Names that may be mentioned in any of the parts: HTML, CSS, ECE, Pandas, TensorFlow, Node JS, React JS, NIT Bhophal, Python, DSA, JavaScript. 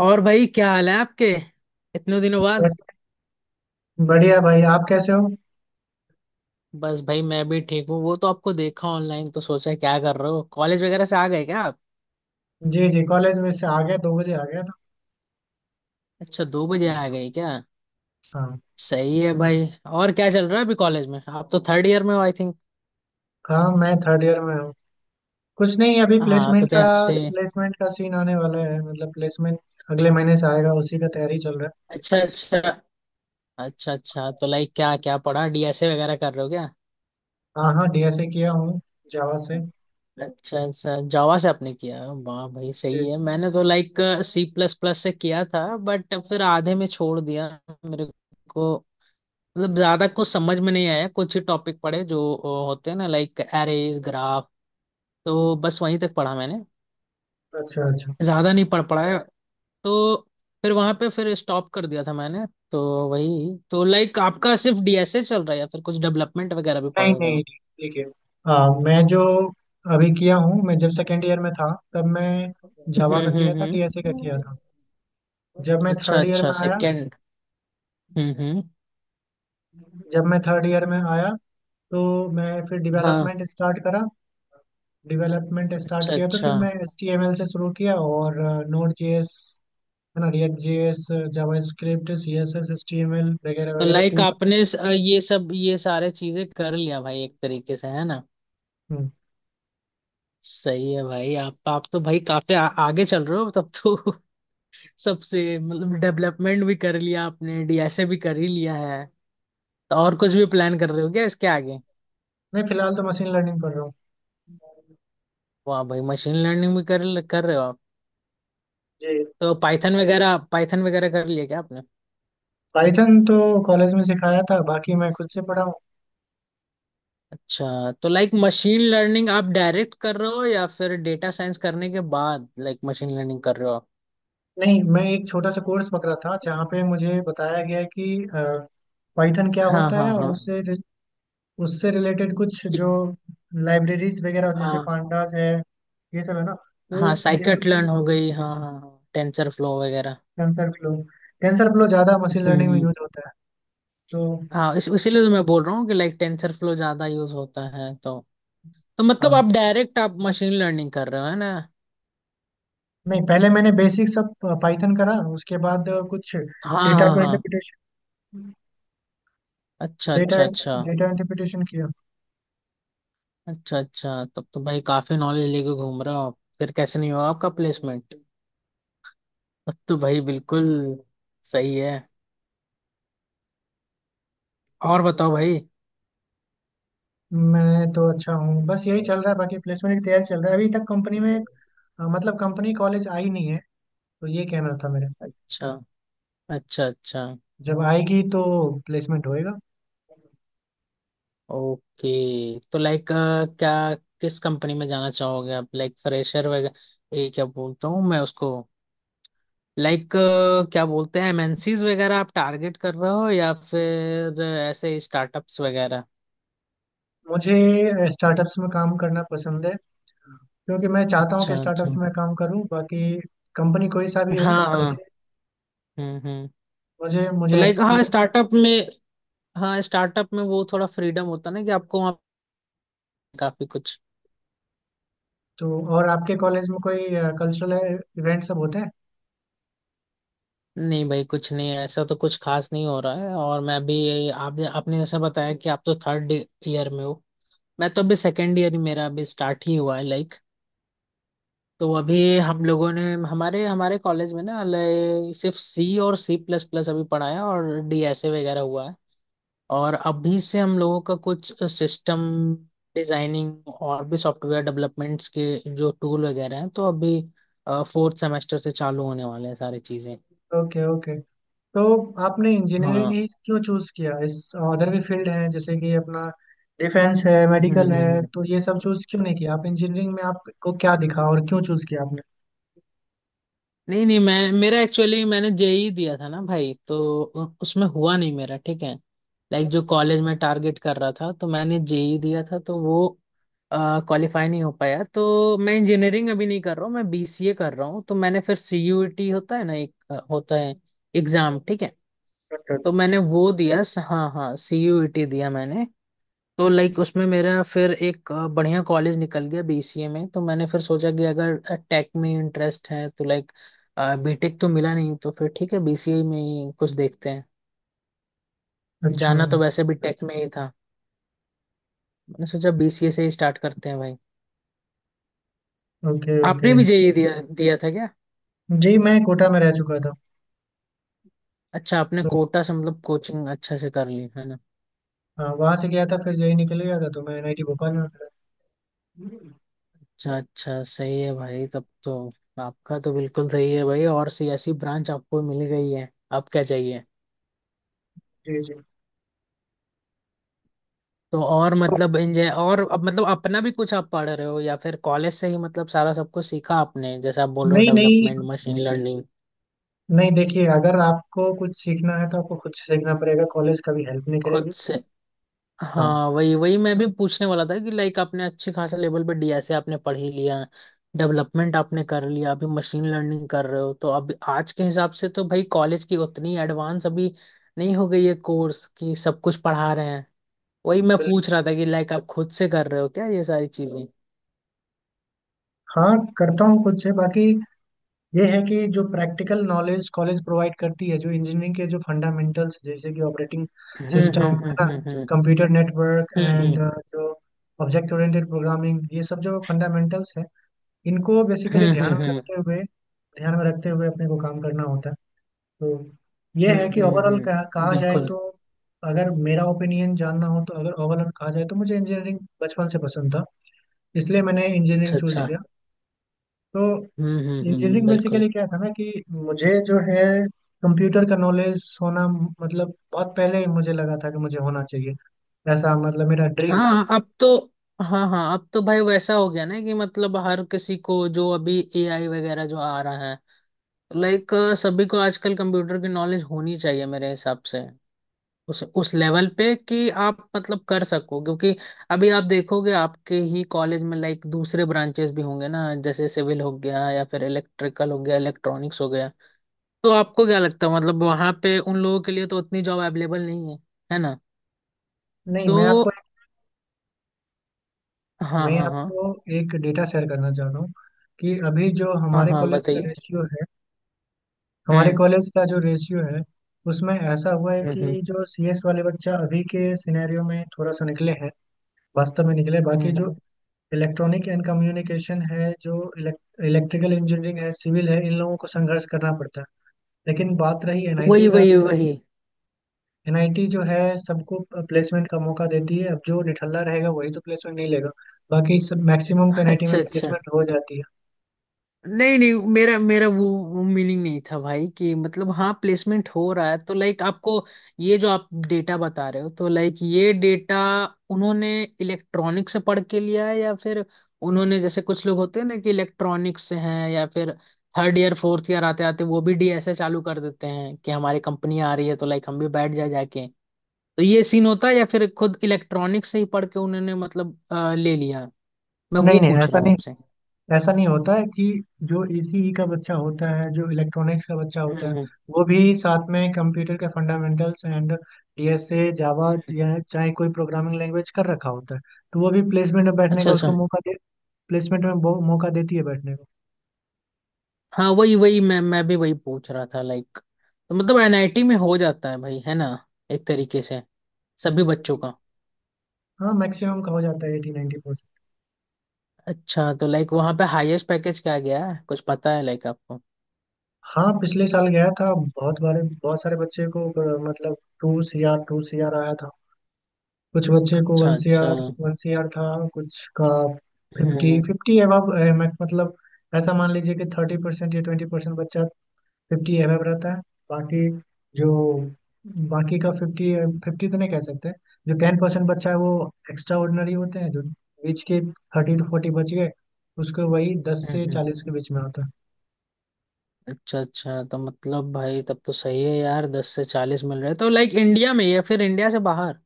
और भाई क्या हाल है आपके इतने दिनों बाद? बट- बढ़िया भाई, आप कैसे हो? बस भाई मैं भी ठीक हूँ। वो तो आपको देखा ऑनलाइन, तो सोचा क्या कर रहे हो, कॉलेज वगैरह से आ गए क्या आप? जी जी, कॉलेज में से आ गया। 2 बजे आ गया था। अच्छा, 2 बजे आ गए क्या? हाँ। सही है भाई। और क्या चल रहा है अभी कॉलेज में, आप तो थर्ड ईयर में हो आई थिंक? हाँ मैं थर्ड ईयर में हूँ। कुछ नहीं, अभी हाँ, तो कैसे? प्लेसमेंट का सीन आने वाला है, मतलब प्लेसमेंट अगले महीने से आएगा, उसी का तैयारी चल रहा अच्छा अच्छा। अच्छा अच्छा, तो लाइक क्या क्या पढ़ा, डीएसए वगैरह कर रहे हो क्या? है। हाँ हाँ, डीएसए किया हूँ, जावा से। अच्छा अच्छा, जावा से आपने किया, वाह भाई जी। सही है। मैंने तो लाइक सी प्लस प्लस से किया था, बट फिर आधे में छोड़ दिया। मेरे को मतलब ज्यादा कुछ समझ में नहीं आया, कुछ ही टॉपिक पढ़े जो होते हैं ना, लाइक एरेज, ग्राफ। तो बस वहीं तक पढ़ा मैंने, अच्छा अच्छा। ज्यादा नहीं पढ़ पाया। तो फिर वहां पे फिर स्टॉप कर दिया था मैंने, तो वही। तो लाइक आपका सिर्फ डीएसए चल रहा है या फिर कुछ डेवलपमेंट वगैरह भी पढ़ नहीं नहीं रहे नहीं, हो? ठीक है। हाँ, मैं जो अभी किया हूँ, मैं जब सेकेंड ईयर में था तब मैं हम्म जावा का किया हम्म था, हम्म। डीएसए का किया था। जब मैं अच्छा थर्ड ईयर अच्छा, में आया सेकेंड। हम्म। जब मैं थर्ड ईयर में आया तो मैं फिर हाँ। डेवलपमेंट स्टार्ट करा। डेवलपमेंट स्टार्ट अच्छा किया तो फिर अच्छा, मैं एच टी एम एल से शुरू किया, और नोड जे एस, है ना, React J S, JavaScript, C S S, H T M L वगैरह तो वगैरह लाइक पूरा। आपने ये सारे चीजें कर लिया भाई एक तरीके से, है ना? हम्म। सही है भाई। आप तो भाई काफी आगे चल रहे हो तब तो सबसे मतलब डेवलपमेंट भी कर लिया आपने, डीएसए भी कर ही लिया है, तो और कुछ भी प्लान कर रहे हो क्या इसके आगे? नहीं, फिलहाल तो मशीन लर्निंग पढ़ रहा हूँ। वाह भाई, मशीन लर्निंग भी कर कर रहे हो आप। जी। तो पाइथन वगैरह कर लिया क्या आपने? पाइथन तो कॉलेज में सिखाया था, बाकी मैं खुद से पढ़ा हूँ। अच्छा, तो लाइक मशीन लर्निंग आप डायरेक्ट कर रहे हो या फिर डेटा साइंस करने के बाद लाइक मशीन लर्निंग कर रहे हो आप? नहीं, मैं एक छोटा सा कोर्स पकड़ा था जहाँ पे मुझे बताया गया कि पाइथन क्या हाँ होता है, हाँ और हाँ। उससे उससे रिलेटेड कुछ कि- जो लाइब्रेरीज वगैरह जैसे हाँ पांडास है ये सब, है ना, तो हाँ, ये सब साइकिट लर्न चीज़ें। हो गई, हाँ हाँ, टेंसर फ्लो वगैरह। टेंसर फ्लो, टेंसर फ्लो ज़्यादा मशीन लर्निंग में हम्म। यूज होता है तो। हाँ, इस इसीलिए तो मैं बोल रहा हूँ कि लाइक टेंसर फ्लो ज्यादा यूज होता है, तो मतलब हाँ। आप डायरेक्ट आप मशीन लर्निंग कर रहे हो, है ना? नहीं, पहले मैंने बेसिक सब पाइथन करा, उसके बाद कुछ हाँ डेटा हाँ को हाँ। इंटरप्रिटेशन, अच्छा डेटा, अच्छा। अच्छा डेटा इंटरप्रिटेशन किया। अच्छा। अच्छा, तब तो भाई काफी नॉलेज लेके घूम रहे हो आप, फिर कैसे नहीं हुआ आपका प्लेसमेंट? तब तो भाई बिल्कुल सही है। और बताओ भाई। मैं तो अच्छा हूँ, बस यही चल रहा है, बाकी प्लेसमेंट की तैयारी चल रहा है। अभी तक कंपनी में मतलब कंपनी कॉलेज आई नहीं है, तो ये कहना था मेरा। अच्छा अच्छा। अच्छा। जब आएगी तो प्लेसमेंट होएगा। ओके। तो लाइक क्या, किस कंपनी में जाना चाहोगे आप, लाइक फ्रेशर वगैरह ये क्या बोलता हूँ मैं उसको, लाइक क्या बोलते हैं, एमएनसीज वगैरह आप टारगेट कर रहे हो या फिर ऐसे स्टार्टअप्स वगैरह? मुझे स्टार्टअप्स में काम करना पसंद है, क्योंकि मैं चाहता हूँ कि अच्छा स्टार्टअप्स अच्छा। में काम करूँ, बाकी कंपनी कोई सा भी हो। हाँ मुझे हाँ। हम्म। मुझे तो मुझे लाइक हाँ एक्सपीरियंस। स्टार्टअप में, हाँ स्टार्टअप में वो थोड़ा फ्रीडम होता है ना कि आपको वहाँ काफी कुछ। तो और आपके कॉलेज में कोई कल्चरल इवेंट सब होते हैं? नहीं भाई कुछ नहीं है, ऐसा तो कुछ खास नहीं हो रहा है, और मैं भी आप आपने जैसा बताया कि आप तो थर्ड ईयर में हो, मैं तो अभी सेकेंड ईयर ही, मेरा अभी स्टार्ट ही हुआ है लाइक। तो अभी हम लोगों ने हमारे हमारे कॉलेज में ना सिर्फ सी और सी प्लस प्लस अभी पढ़ाया, और डीएसए वगैरह हुआ है। और अभी से हम लोगों का कुछ सिस्टम डिजाइनिंग और भी सॉफ्टवेयर डेवलपमेंट्स के जो टूल वगैरह हैं, तो अभी फोर्थ सेमेस्टर से चालू होने वाले हैं सारी चीजें। Okay okay. तो आपने इंजीनियरिंग हाँ। ही क्यों चूज किया? इस अदर भी फील्ड है, जैसे कि अपना डिफेंस है, हम्म मेडिकल हम्म है, हम्म। तो ये सब चूज क्यों नहीं किया? आप इंजीनियरिंग में, आपको क्या दिखा और क्यों चूज किया आपने? नहीं नहीं, मैं मेरा एक्चुअली मैंने जेई दिया था ना भाई, तो उसमें हुआ नहीं मेरा, ठीक है। लाइक जो कॉलेज में टारगेट कर रहा था, तो मैंने जेई दिया था तो वो क्वालिफाई नहीं हो पाया, तो मैं इंजीनियरिंग अभी नहीं कर रहा हूँ, मैं बीसीए कर रहा हूँ। तो मैंने फिर सीयूईटी होता है ना एक होता है एग्जाम, ठीक है। तो अच्छा मैंने वो दिया हाँ हाँ, सीयूईटी दिया मैंने। तो लाइक उसमें मेरा फिर एक बढ़िया कॉलेज निकल गया बीसीए में, तो मैंने फिर सोचा कि अगर टेक में इंटरेस्ट है तो लाइक बीटेक तो मिला नहीं, तो फिर ठीक है बीसीए में ही कुछ देखते हैं। अच्छा। जाना तो वैसे भी टेक में ही था, मैंने सोचा बीसीए से ही स्टार्ट करते हैं भाई। Okay okay. आपने भी जेईई दिया दिया था क्या? जी, मैं कोटा में रह चुका था अच्छा, आपने तो। कोटा से मतलब कोचिंग अच्छा से कर ली है ना। हाँ वहां से गया था, फिर यही निकल गया था, तो मैं एनआईटी भोपाल में मिला। अच्छा अच्छा, सही है भाई तब तो। आपका तो बिल्कुल सही है भाई, और सी ऐसी ब्रांच आपको मिल गई है, अब क्या चाहिए, जी जी। तो और मतलब इंजॉय। और अब मतलब अपना भी कुछ आप पढ़ रहे हो या फिर कॉलेज से ही मतलब सारा सब कुछ सीखा आपने, जैसे आप बोल रहे हो नहीं। नहीं। Development, machine learning. नहीं देखिए, अगर आपको कुछ सीखना है तो आपको खुद से सीखना पड़ेगा, कॉलेज कभी हेल्प नहीं खुद करेगी। से। हाँ। हाँ वही वही, मैं भी पूछने वाला था कि लाइक आपने अच्छे खासे लेवल पे डीएसए आपने पढ़ ही लिया, डेवलपमेंट आपने कर लिया, अभी मशीन लर्निंग कर रहे हो, तो अब आज के हिसाब से तो भाई कॉलेज की उतनी एडवांस अभी नहीं हो गई है, कोर्स की सब कुछ पढ़ा रहे हैं। वही मैं बिल- पूछ रहा था कि लाइक आप खुद से कर रहे हो क्या ये सारी चीजें? हाँ, करता हूँ खुद से, बाकी ये है कि जो प्रैक्टिकल नॉलेज कॉलेज प्रोवाइड करती है, जो इंजीनियरिंग के जो फंडामेंटल्स जैसे कि ऑपरेटिंग हम्म सिस्टम हम्म है हम्म ना, hmm hmm computer network and hmm, जो ऑब्जेक्ट ओरिएंटेड प्रोग्रामिंग, ये सब जो फंडामेंटल्स है, इनको बेसिकली हम्म ध्यान हम्म में हम्म रखते हुए अपने को काम करना होता है। तो ये है कि ओवरऑल कहा जाए बिल्कुल। तो, अगर मेरा ओपिनियन जानना हो तो, अगर ओवरऑल कहा जाए तो मुझे इंजीनियरिंग बचपन से पसंद था, इसलिए मैंने अच्छा इंजीनियरिंग चूज अच्छा। किया। तो हम्म, इंजीनियरिंग बिल्कुल। बेसिकली क्या था ना कि मुझे जो है कंप्यूटर का नॉलेज होना, मतलब बहुत पहले ही मुझे लगा था कि मुझे होना चाहिए ऐसा, मतलब मेरा ड्रीम था। हाँ अब तो, हाँ हाँ अब तो भाई वैसा हो गया ना कि मतलब हर किसी को, जो अभी एआई वगैरह जो आ रहा है, लाइक सभी को आजकल कंप्यूटर की नॉलेज होनी चाहिए मेरे हिसाब से, उस लेवल पे कि आप मतलब कर सको, क्योंकि अभी आप देखोगे आपके ही कॉलेज में लाइक दूसरे ब्रांचेस भी होंगे ना, जैसे सिविल हो गया, या फिर इलेक्ट्रिकल हो गया, इलेक्ट्रॉनिक्स हो गया, तो आपको क्या लगता है मतलब वहां पे उन लोगों के लिए तो उतनी जॉब अवेलेबल नहीं है, है ना? नहीं तो हाँ मैं हाँ हाँ। आपको एक डेटा शेयर करना चाह रहा हूँ कि अभी जो हाँ हाँ, बताइए। हमारे हम्म कॉलेज का जो रेशियो है उसमें ऐसा हुआ है हम्म हम्म कि जो सीएस वाले बच्चा अभी के सिनेरियो में थोड़ा सा निकले हैं, वास्तव में निकले। बाकी हम्म, जो हम्म। इलेक्ट्रॉनिक एंड कम्युनिकेशन है, जो इलेक्ट्रिकल इंजीनियरिंग है, सिविल है, इन लोगों को संघर्ष करना पड़ता है। लेकिन बात रही वही एनआईटी का, वही तो वही। एनआईटी जो है सबको प्लेसमेंट का मौका देती है, अब जो निठल्ला रहेगा वही तो प्लेसमेंट नहीं लेगा, बाकी सब मैक्सिमम को एनआईटी में अच्छा अच्छा। प्लेसमेंट हो जाती है। नहीं नहीं, मेरा मेरा वो मीनिंग नहीं था भाई कि मतलब हाँ प्लेसमेंट हो रहा है तो लाइक आपको, ये जो आप डेटा बता रहे हो तो लाइक ये डेटा उन्होंने इलेक्ट्रॉनिक से पढ़ के लिया है या फिर उन्होंने, जैसे कुछ लोग होते हैं ना कि इलेक्ट्रॉनिक्स से हैं या फिर थर्ड ईयर फोर्थ ईयर आते आते वो भी डीएसए चालू कर देते हैं कि हमारी कंपनी आ रही है तो लाइक हम भी बैठ जाए जाके, तो ये सीन होता है, या फिर खुद इलेक्ट्रॉनिक्स से ही पढ़ के उन्होंने मतलब ले लिया, मैं नहीं वो नहीं, पूछ ऐसा रहा हूँ नहीं, आपसे। ऐसा नहीं होता है कि जो ईसीई का बच्चा होता है, जो इलेक्ट्रॉनिक्स का बच्चा हम्म होता है, हम्म। वो भी साथ में कंप्यूटर के फंडामेंटल्स एंड डीएसए, जावा या चाहे कोई प्रोग्रामिंग लैंग्वेज कर रखा होता है, तो वो भी प्लेसमेंट में बैठने अच्छा का अच्छा। उसको मौका दे। प्लेसमेंट में मौका देती है बैठने को। हाँ वही वही मैं भी वही पूछ रहा था लाइक, तो मतलब एनआईटी में हो जाता है भाई, है ना, एक तरीके से सभी बच्चों जी। का। हाँ, मैक्सिमम का हो जाता है, 80-90%। अच्छा, तो लाइक वहाँ पे हाईएस्ट पैकेज क्या गया है, कुछ पता है लाइक आपको? हाँ पिछले साल गया था, बहुत बार बहुत सारे बच्चे को मतलब 2 CR, 2 CR आया था। कुछ बच्चे को अच्छा वन सी अच्छा। आर 1 CR था। कुछ का फिफ्टी, हम्म फिफ्टी एबव, मतलब ऐसा मान लीजिए कि 30% या 20% बच्चा फिफ्टी एबव रहता है, बाकी जो, बाकी का फिफ्टी फिफ्टी तो नहीं कह सकते। जो 10% बच्चा है वो एक्स्ट्रा ऑर्डिनरी होते हैं, जो बीच के 30-40 बच गए, उसको वही दस से हम्म। चालीस के बीच में आता है। अच्छा अच्छा, तो मतलब भाई तब तो सही है यार, 10 से 40 मिल रहे हैं। तो लाइक इंडिया में या फिर इंडिया से बाहर?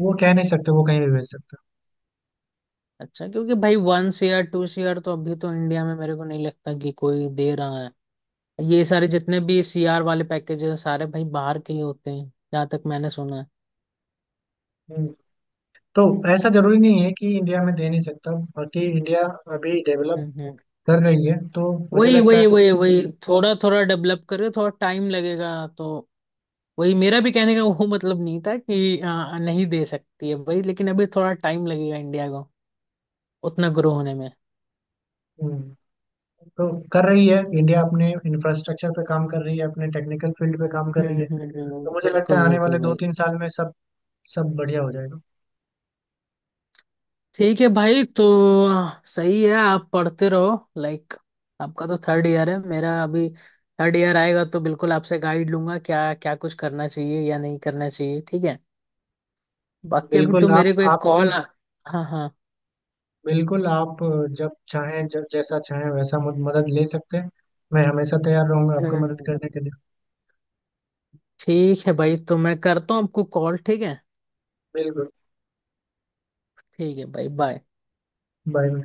वो कह नहीं सकते, वो कहीं भी भेज सकता अच्छा, क्योंकि भाई वन सीआर टू सीआर तो अभी तो इंडिया में मेरे को नहीं लगता कि कोई दे रहा, ये सारे जितने भी सीआर वाले पैकेज हैं सारे भाई बाहर के ही होते हैं, जहाँ तक मैंने सुना है। है। तो ऐसा जरूरी नहीं है कि इंडिया में दे नहीं सकता, बाकी इंडिया अभी डेवलप हम्म हम्म। कर रही है, तो मुझे वही लगता वही है। वही वही, थोड़ा थोड़ा डेवलप करें, थोड़ा टाइम लगेगा, तो वही मेरा भी कहने का वो मतलब नहीं था कि नहीं दे सकती है भाई, लेकिन अभी थोड़ा टाइम लगेगा इंडिया को उतना ग्रो होने में। हम्म, तो कर रही है इंडिया, अपने इंफ्रास्ट्रक्चर पे काम कर रही है, अपने टेक्निकल फील्ड पे काम कर रही है, तो मुझे लगता बिल्कुल है आने बिल्कुल वाले दो भाई। तीन साल में सब सब बढ़िया हो जाएगा। ठीक है भाई, तो सही है आप पढ़ते रहो लाइक, आपका तो थर्ड ईयर है, मेरा अभी थर्ड ईयर आएगा तो बिल्कुल आपसे गाइड लूंगा क्या क्या कुछ करना चाहिए या नहीं करना चाहिए, ठीक है। बाकी अभी बिल्कुल तो आप मेरे को एक आप कॉल आ। हाँ हाँ। बिल्कुल आप जब चाहें, जब जैसा चाहें वैसा मदद ले सकते हैं, मैं हमेशा तैयार रहूंगा आपको मदद हम्म। करने के लिए। ठीक है भाई, तो मैं करता हूँ आपको कॉल, ठीक है। बिल्कुल। ठीक है भाई, बाय। बाय।